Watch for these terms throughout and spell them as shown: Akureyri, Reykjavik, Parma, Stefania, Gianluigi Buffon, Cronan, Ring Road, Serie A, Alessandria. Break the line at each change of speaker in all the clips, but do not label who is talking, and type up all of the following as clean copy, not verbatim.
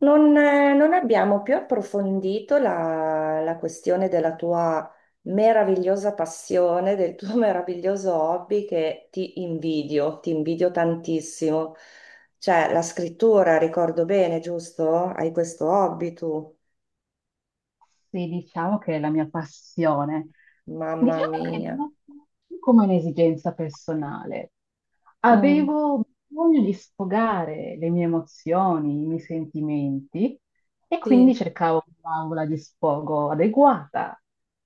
Non abbiamo più approfondito la questione della tua meravigliosa passione, del tuo meraviglioso hobby che ti invidio tantissimo. Cioè, la scrittura, ricordo bene, giusto? Hai questo hobby tu?
Sì, diciamo che è la mia passione.
Mamma
Diciamo che
mia.
non come un'esigenza personale.
Mm,
Avevo bisogno di sfogare le mie emozioni, i miei sentimenti e quindi
sì,
cercavo un'aula di sfogo adeguata.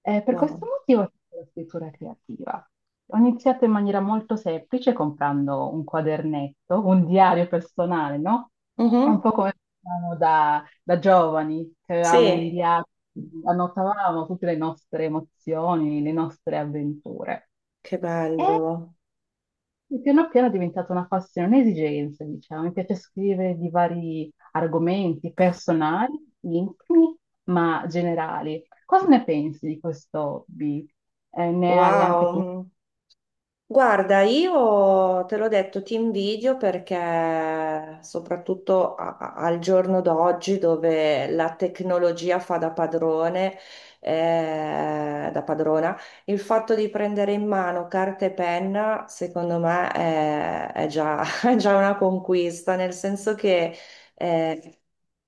Per
wow.
questo motivo ho fatto la scrittura creativa. Ho iniziato in maniera molto semplice comprando un quadernetto, un diario personale, no? Un
Mhm,
po' come facciamo da giovani, che avevamo un
sì,
diario, annotavamo tutte le nostre emozioni, le nostre avventure.
che
E
bello.
piano piano è diventata una passione, un'esigenza, diciamo. Mi piace scrivere di vari argomenti personali, intimi, ma generali. Cosa ne pensi di questo hobby? Ne hai anche tu?
Wow. Guarda, io te l'ho detto, ti invidio perché soprattutto al giorno d'oggi dove la tecnologia fa da padrone, da padrona, il fatto di prendere in mano carta e penna, secondo me, è già una conquista, nel senso che eh,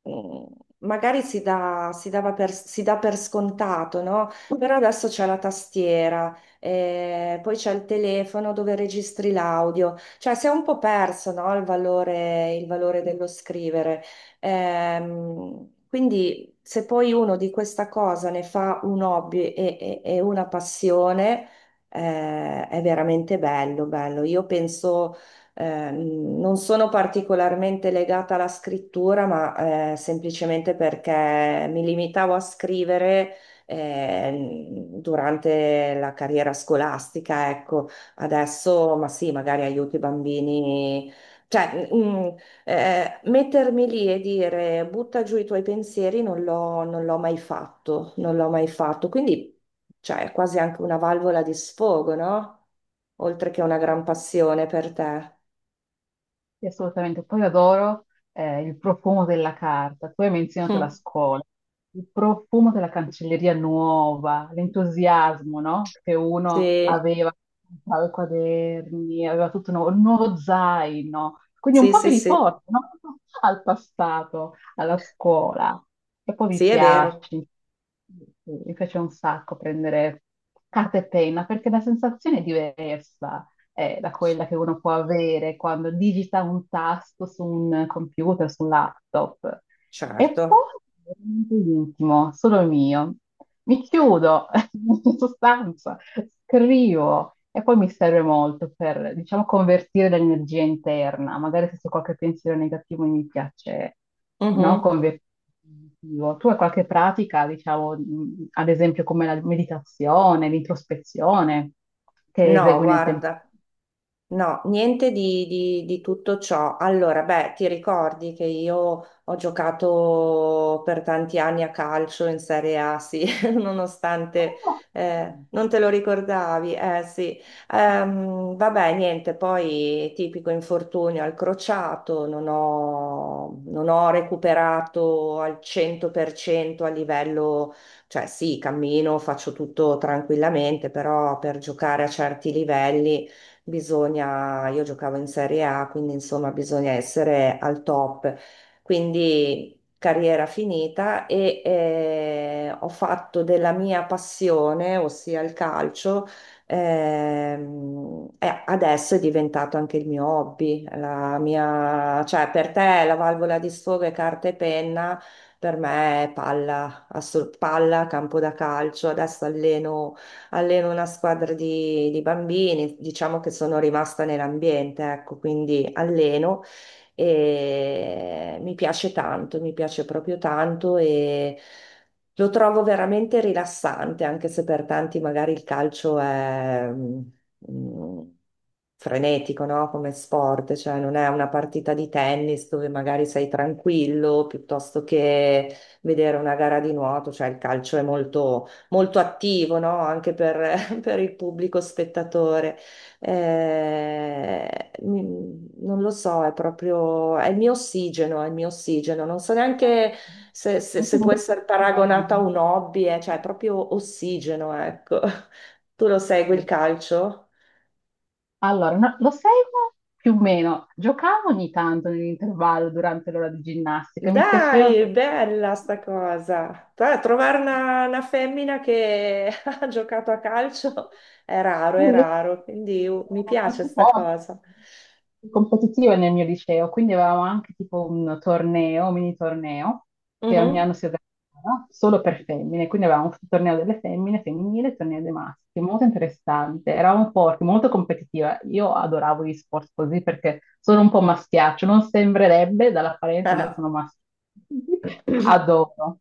mm, magari si dà per scontato, no? Però adesso c'è la tastiera, poi c'è il telefono dove registri l'audio, cioè si è un po' perso, no, il valore dello scrivere. Quindi se poi uno di questa cosa ne fa un hobby e una passione, è veramente bello, bello. Io penso. Non sono particolarmente legata alla scrittura, ma semplicemente perché mi limitavo a scrivere eh, durante la carriera scolastica, ecco. Adesso, ma sì, magari aiuto i bambini, cioè, mettermi lì e dire butta giù i tuoi pensieri non l'ho mai fatto, non l'ho mai fatto, quindi cioè, è quasi anche una valvola di sfogo, no? Oltre che una gran passione per te.
Sì, assolutamente. Poi adoro il profumo della carta. Tu hai menzionato la
Mm.
scuola, il profumo della cancelleria nuova, l'entusiasmo, no? Che uno
Sì,
aveva, aveva i quaderni, aveva tutto nuovo, un nuovo zaino. Quindi un
sì,
po'
sì,
mi
sì,
riporta, no? Al passato, alla scuola. E poi
sì, è vero,
mi piace un sacco prendere carta e penna perché la sensazione è diversa da quella che uno può avere quando digita un tasto su un computer, su un laptop. E poi
certo.
veramente intimo, solo il mio. Mi chiudo in sostanza, scrivo e poi mi serve molto per, diciamo, convertire l'energia interna. Magari se c'è qualche pensiero negativo mi piace, no?
Mhm.
Convertire in positivo. Tu hai qualche pratica, diciamo, ad esempio come la meditazione, l'introspezione, che
No,
esegui nel tempo?
guarda. No, niente di tutto ciò. Allora, beh, ti ricordi che io ho giocato per tanti anni a calcio in Serie A, sì, nonostante
Ah, sì, sì.
non te lo ricordavi, eh sì. Vabbè, niente, poi tipico infortunio al crociato, non ho recuperato al 100% a livello, cioè sì, cammino, faccio tutto tranquillamente, però per giocare a certi livelli bisogna, io giocavo in Serie A, quindi insomma bisogna essere al top. Quindi carriera finita e ho fatto della mia passione, ossia il calcio, e adesso è diventato anche il mio hobby, la mia, cioè per te la valvola di sfogo è carta e penna. Per me è palla, palla, campo da calcio. Adesso alleno una squadra di bambini, diciamo che sono rimasta nell'ambiente, ecco, quindi alleno e mi piace tanto, mi piace proprio tanto e lo trovo veramente rilassante, anche se per tanti magari il calcio è... mm, frenetico, no? Come sport, cioè non è una partita di tennis dove magari sei tranquillo piuttosto che vedere una gara di nuoto, cioè il calcio è molto molto attivo, no? Anche per, per il pubblico spettatore. Non lo so, è proprio, è il mio ossigeno, è il mio ossigeno. Non so neanche se, se-
Molto
se può
bello.
essere paragonata a un hobby. Cioè, è proprio ossigeno, ecco. Tu lo segui il calcio?
Allora, lo seguo più o meno. Giocavo ogni tanto nell'intervallo durante l'ora di ginnastica, mi piaceva
Dai,
perché...
bella sta cosa. Trovare una femmina che ha giocato a calcio è
Le-
raro, quindi mi
Erano
piace
molto
sta
poche,
cosa.
competitive nel mio liceo, quindi avevamo anche tipo un torneo, un mini torneo, che ogni
Mhm.
anno si organizzava solo per femmine, quindi avevamo il torneo delle femmine, femminile, e il torneo dei maschi, molto interessante, eravamo forti, molto competitiva. Io adoravo gli sport così perché sono un po' maschiaccio, non sembrerebbe dall'apparenza, ma io
Ah.
sono maschio. Adoro.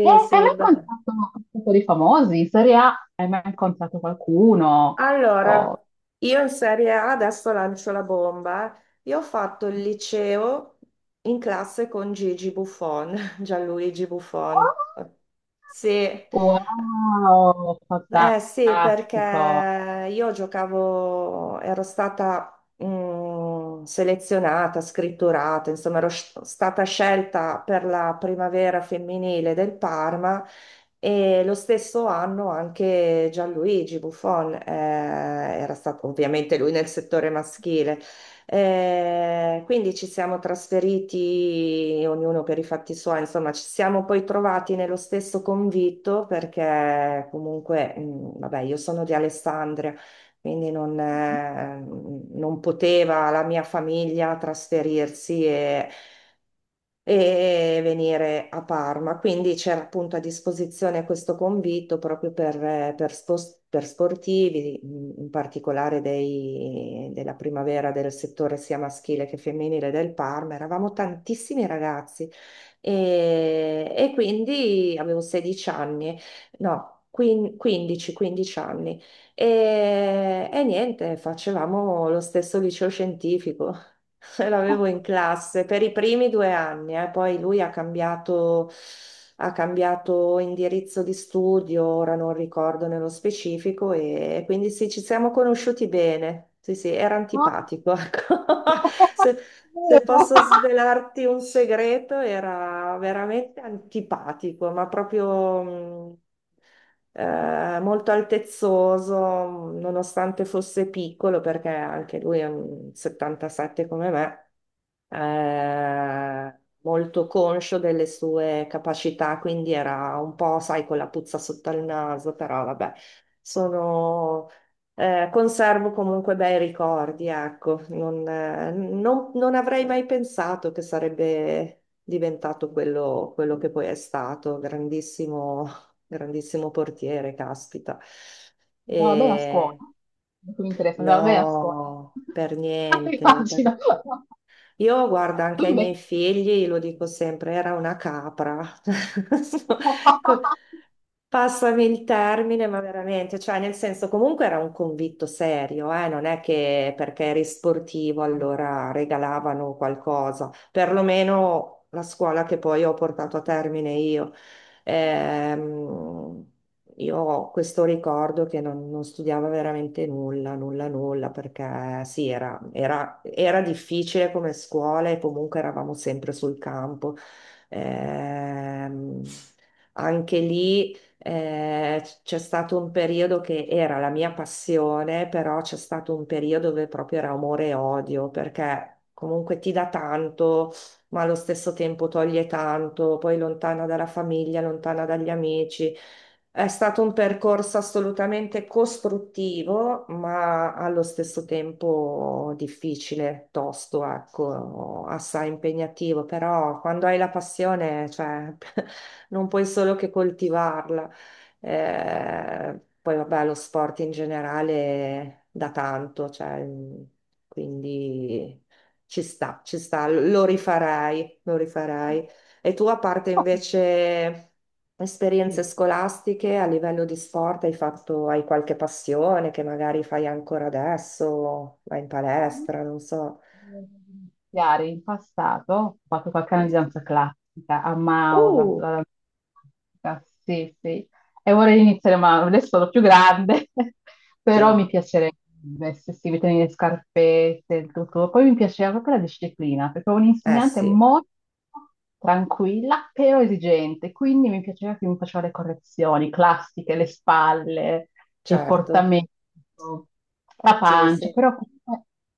Eh, hai
sì,
mai
beh.
incontrato un po' di famosi? In Serie A hai mai incontrato qualcuno?
Allora, io in Serie A adesso lancio la bomba. Io ho fatto il liceo in classe con Gigi Buffon, Gianluigi
Wow,
Buffon. Sì,
wow,
eh sì, perché
fantastico.
io giocavo, ero stata selezionata, scritturata, insomma, ero stata scelta per la primavera femminile del Parma e lo stesso anno anche Gianluigi Buffon era stato, ovviamente lui nel settore maschile, quindi ci siamo trasferiti, ognuno per i fatti suoi, insomma, ci siamo poi trovati nello stesso convitto perché comunque, vabbè, io sono di Alessandria, quindi non poteva la mia famiglia trasferirsi e venire a Parma. Quindi c'era appunto a disposizione questo convitto proprio per sportivi, in particolare della primavera del settore sia maschile che femminile del Parma. Eravamo tantissimi ragazzi e quindi avevo 16 anni, no, 15, 15 anni. E niente, facevamo lo stesso liceo scientifico. L'avevo in classe per i primi 2 anni. Poi lui ha cambiato indirizzo di studio, ora non ricordo nello specifico, e quindi sì, ci siamo conosciuti bene. Sì, sì, era
Ah.
antipatico, ecco. Se, se posso svelarti un segreto, era veramente antipatico, ma proprio... molto altezzoso, nonostante fosse piccolo, perché anche lui è un 77 come me, molto conscio delle sue capacità, quindi era un po', sai, con la puzza sotto il naso, però vabbè, sono, conservo comunque bei ricordi, ecco, non avrei mai pensato che sarebbe diventato quello, quello che poi è stato, grandissimo, grandissimo portiere, caspita.
Andava bene a scuola.
E...
Non mi interessa, andava bene a scuola.
No, per niente.
Immagino.
Io guardo
Tu
anche ai miei
invece.
figli, lo dico sempre, era una capra. Co- Passami il termine, ma veramente, cioè nel senso comunque era un convitto serio, eh? Non è che perché eri sportivo allora regalavano qualcosa, perlomeno la scuola che poi ho portato a termine io. Ehm, io ho questo ricordo che non studiavo veramente nulla, nulla, nulla, perché sì, era difficile come scuola e comunque eravamo sempre sul campo. Ehm, Anche lì c'è stato un periodo che era la mia passione, però c'è stato un periodo dove proprio era amore e odio, perché comunque ti dà tanto, ma allo stesso tempo toglie tanto, poi lontana dalla famiglia, lontana dagli amici. È stato un percorso assolutamente costruttivo, ma allo stesso tempo difficile, tosto, ecco, assai impegnativo, però quando hai la passione, cioè, non puoi solo che coltivarla. Poi vabbè, lo sport in generale da tanto, cioè, quindi ci sta, lo rifarei, lo rifarei. E tu, a parte invece esperienze scolastiche a livello di sport, hai qualche passione che magari fai ancora adesso, vai in palestra, non so.
Iniziare in passato, ho fatto qualche anno di danza classica, a Mao,
Uh,
danza, la danza classica, sì, sì, e vorrei iniziare, ma adesso sono più grande, però mi
sì,
piacerebbe, se si mettono le scarpette, il tutto. Poi mi piaceva proprio la disciplina, perché ho
eh
un'insegnante
sì,
molto tranquilla, però esigente, quindi mi piaceva che mi faceva le correzioni classiche, le spalle, il
certo,
portamento, la
sì,
pancia,
sì,
però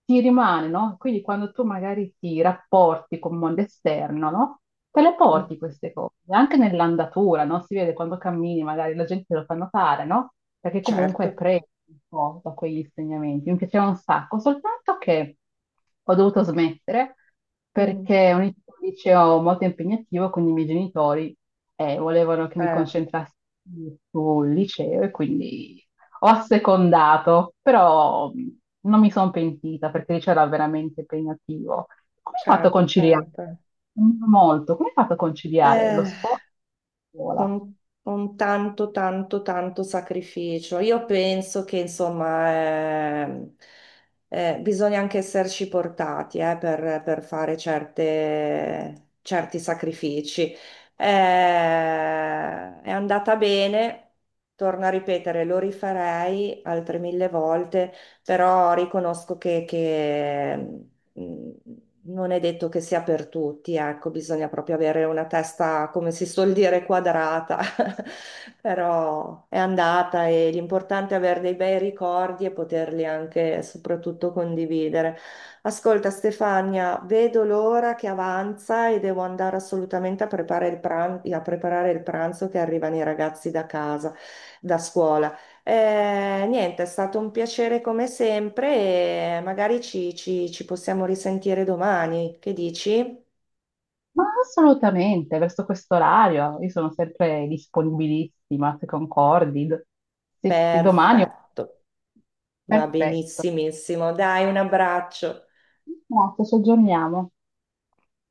ti rimane, no? Quindi quando tu magari ti rapporti con il mondo esterno, no? Te le
mm,
porti queste cose, anche nell'andatura, no? Si vede quando cammini, magari la gente te lo fa notare, no? Perché comunque è
certo.
preso un po' da quegli insegnamenti. Mi piaceva un sacco, soltanto che ho dovuto smettere
Mm.
perché è un liceo molto impegnativo, quindi i miei genitori volevano che mi
Eh.
concentrassi sul liceo e quindi ho assecondato, però non mi sono pentita perché lì c'era veramente impegnativo. Come hai fatto a
Certo,
conciliare?
certo.
Come hai fatto a conciliare lo
Eh,
sport e la scuola?
con, con tanto, tanto, tanto sacrificio. Io penso che, insomma, ehm, bisogna anche esserci portati, per fare certi sacrifici. È andata bene, torno a ripetere, lo rifarei altre mille volte, però riconosco che, mm, non è detto che sia per tutti, ecco, bisogna proprio avere una testa, come si suol dire, quadrata, però è andata e l'importante è avere dei bei ricordi e poterli anche soprattutto condividere. Ascolta Stefania, vedo l'ora che avanza e devo andare assolutamente a preparare il pranzo che arrivano i ragazzi da casa, da scuola. Niente, è stato un piacere come sempre e magari ci possiamo risentire domani. Che dici?
Ma assolutamente, verso questo orario, io sono sempre disponibilissima, se concordi. Se domani...
Perfetto, va
Perfetto.
benissimissimo. Dai, un abbraccio.
Grazie, ci aggiorniamo.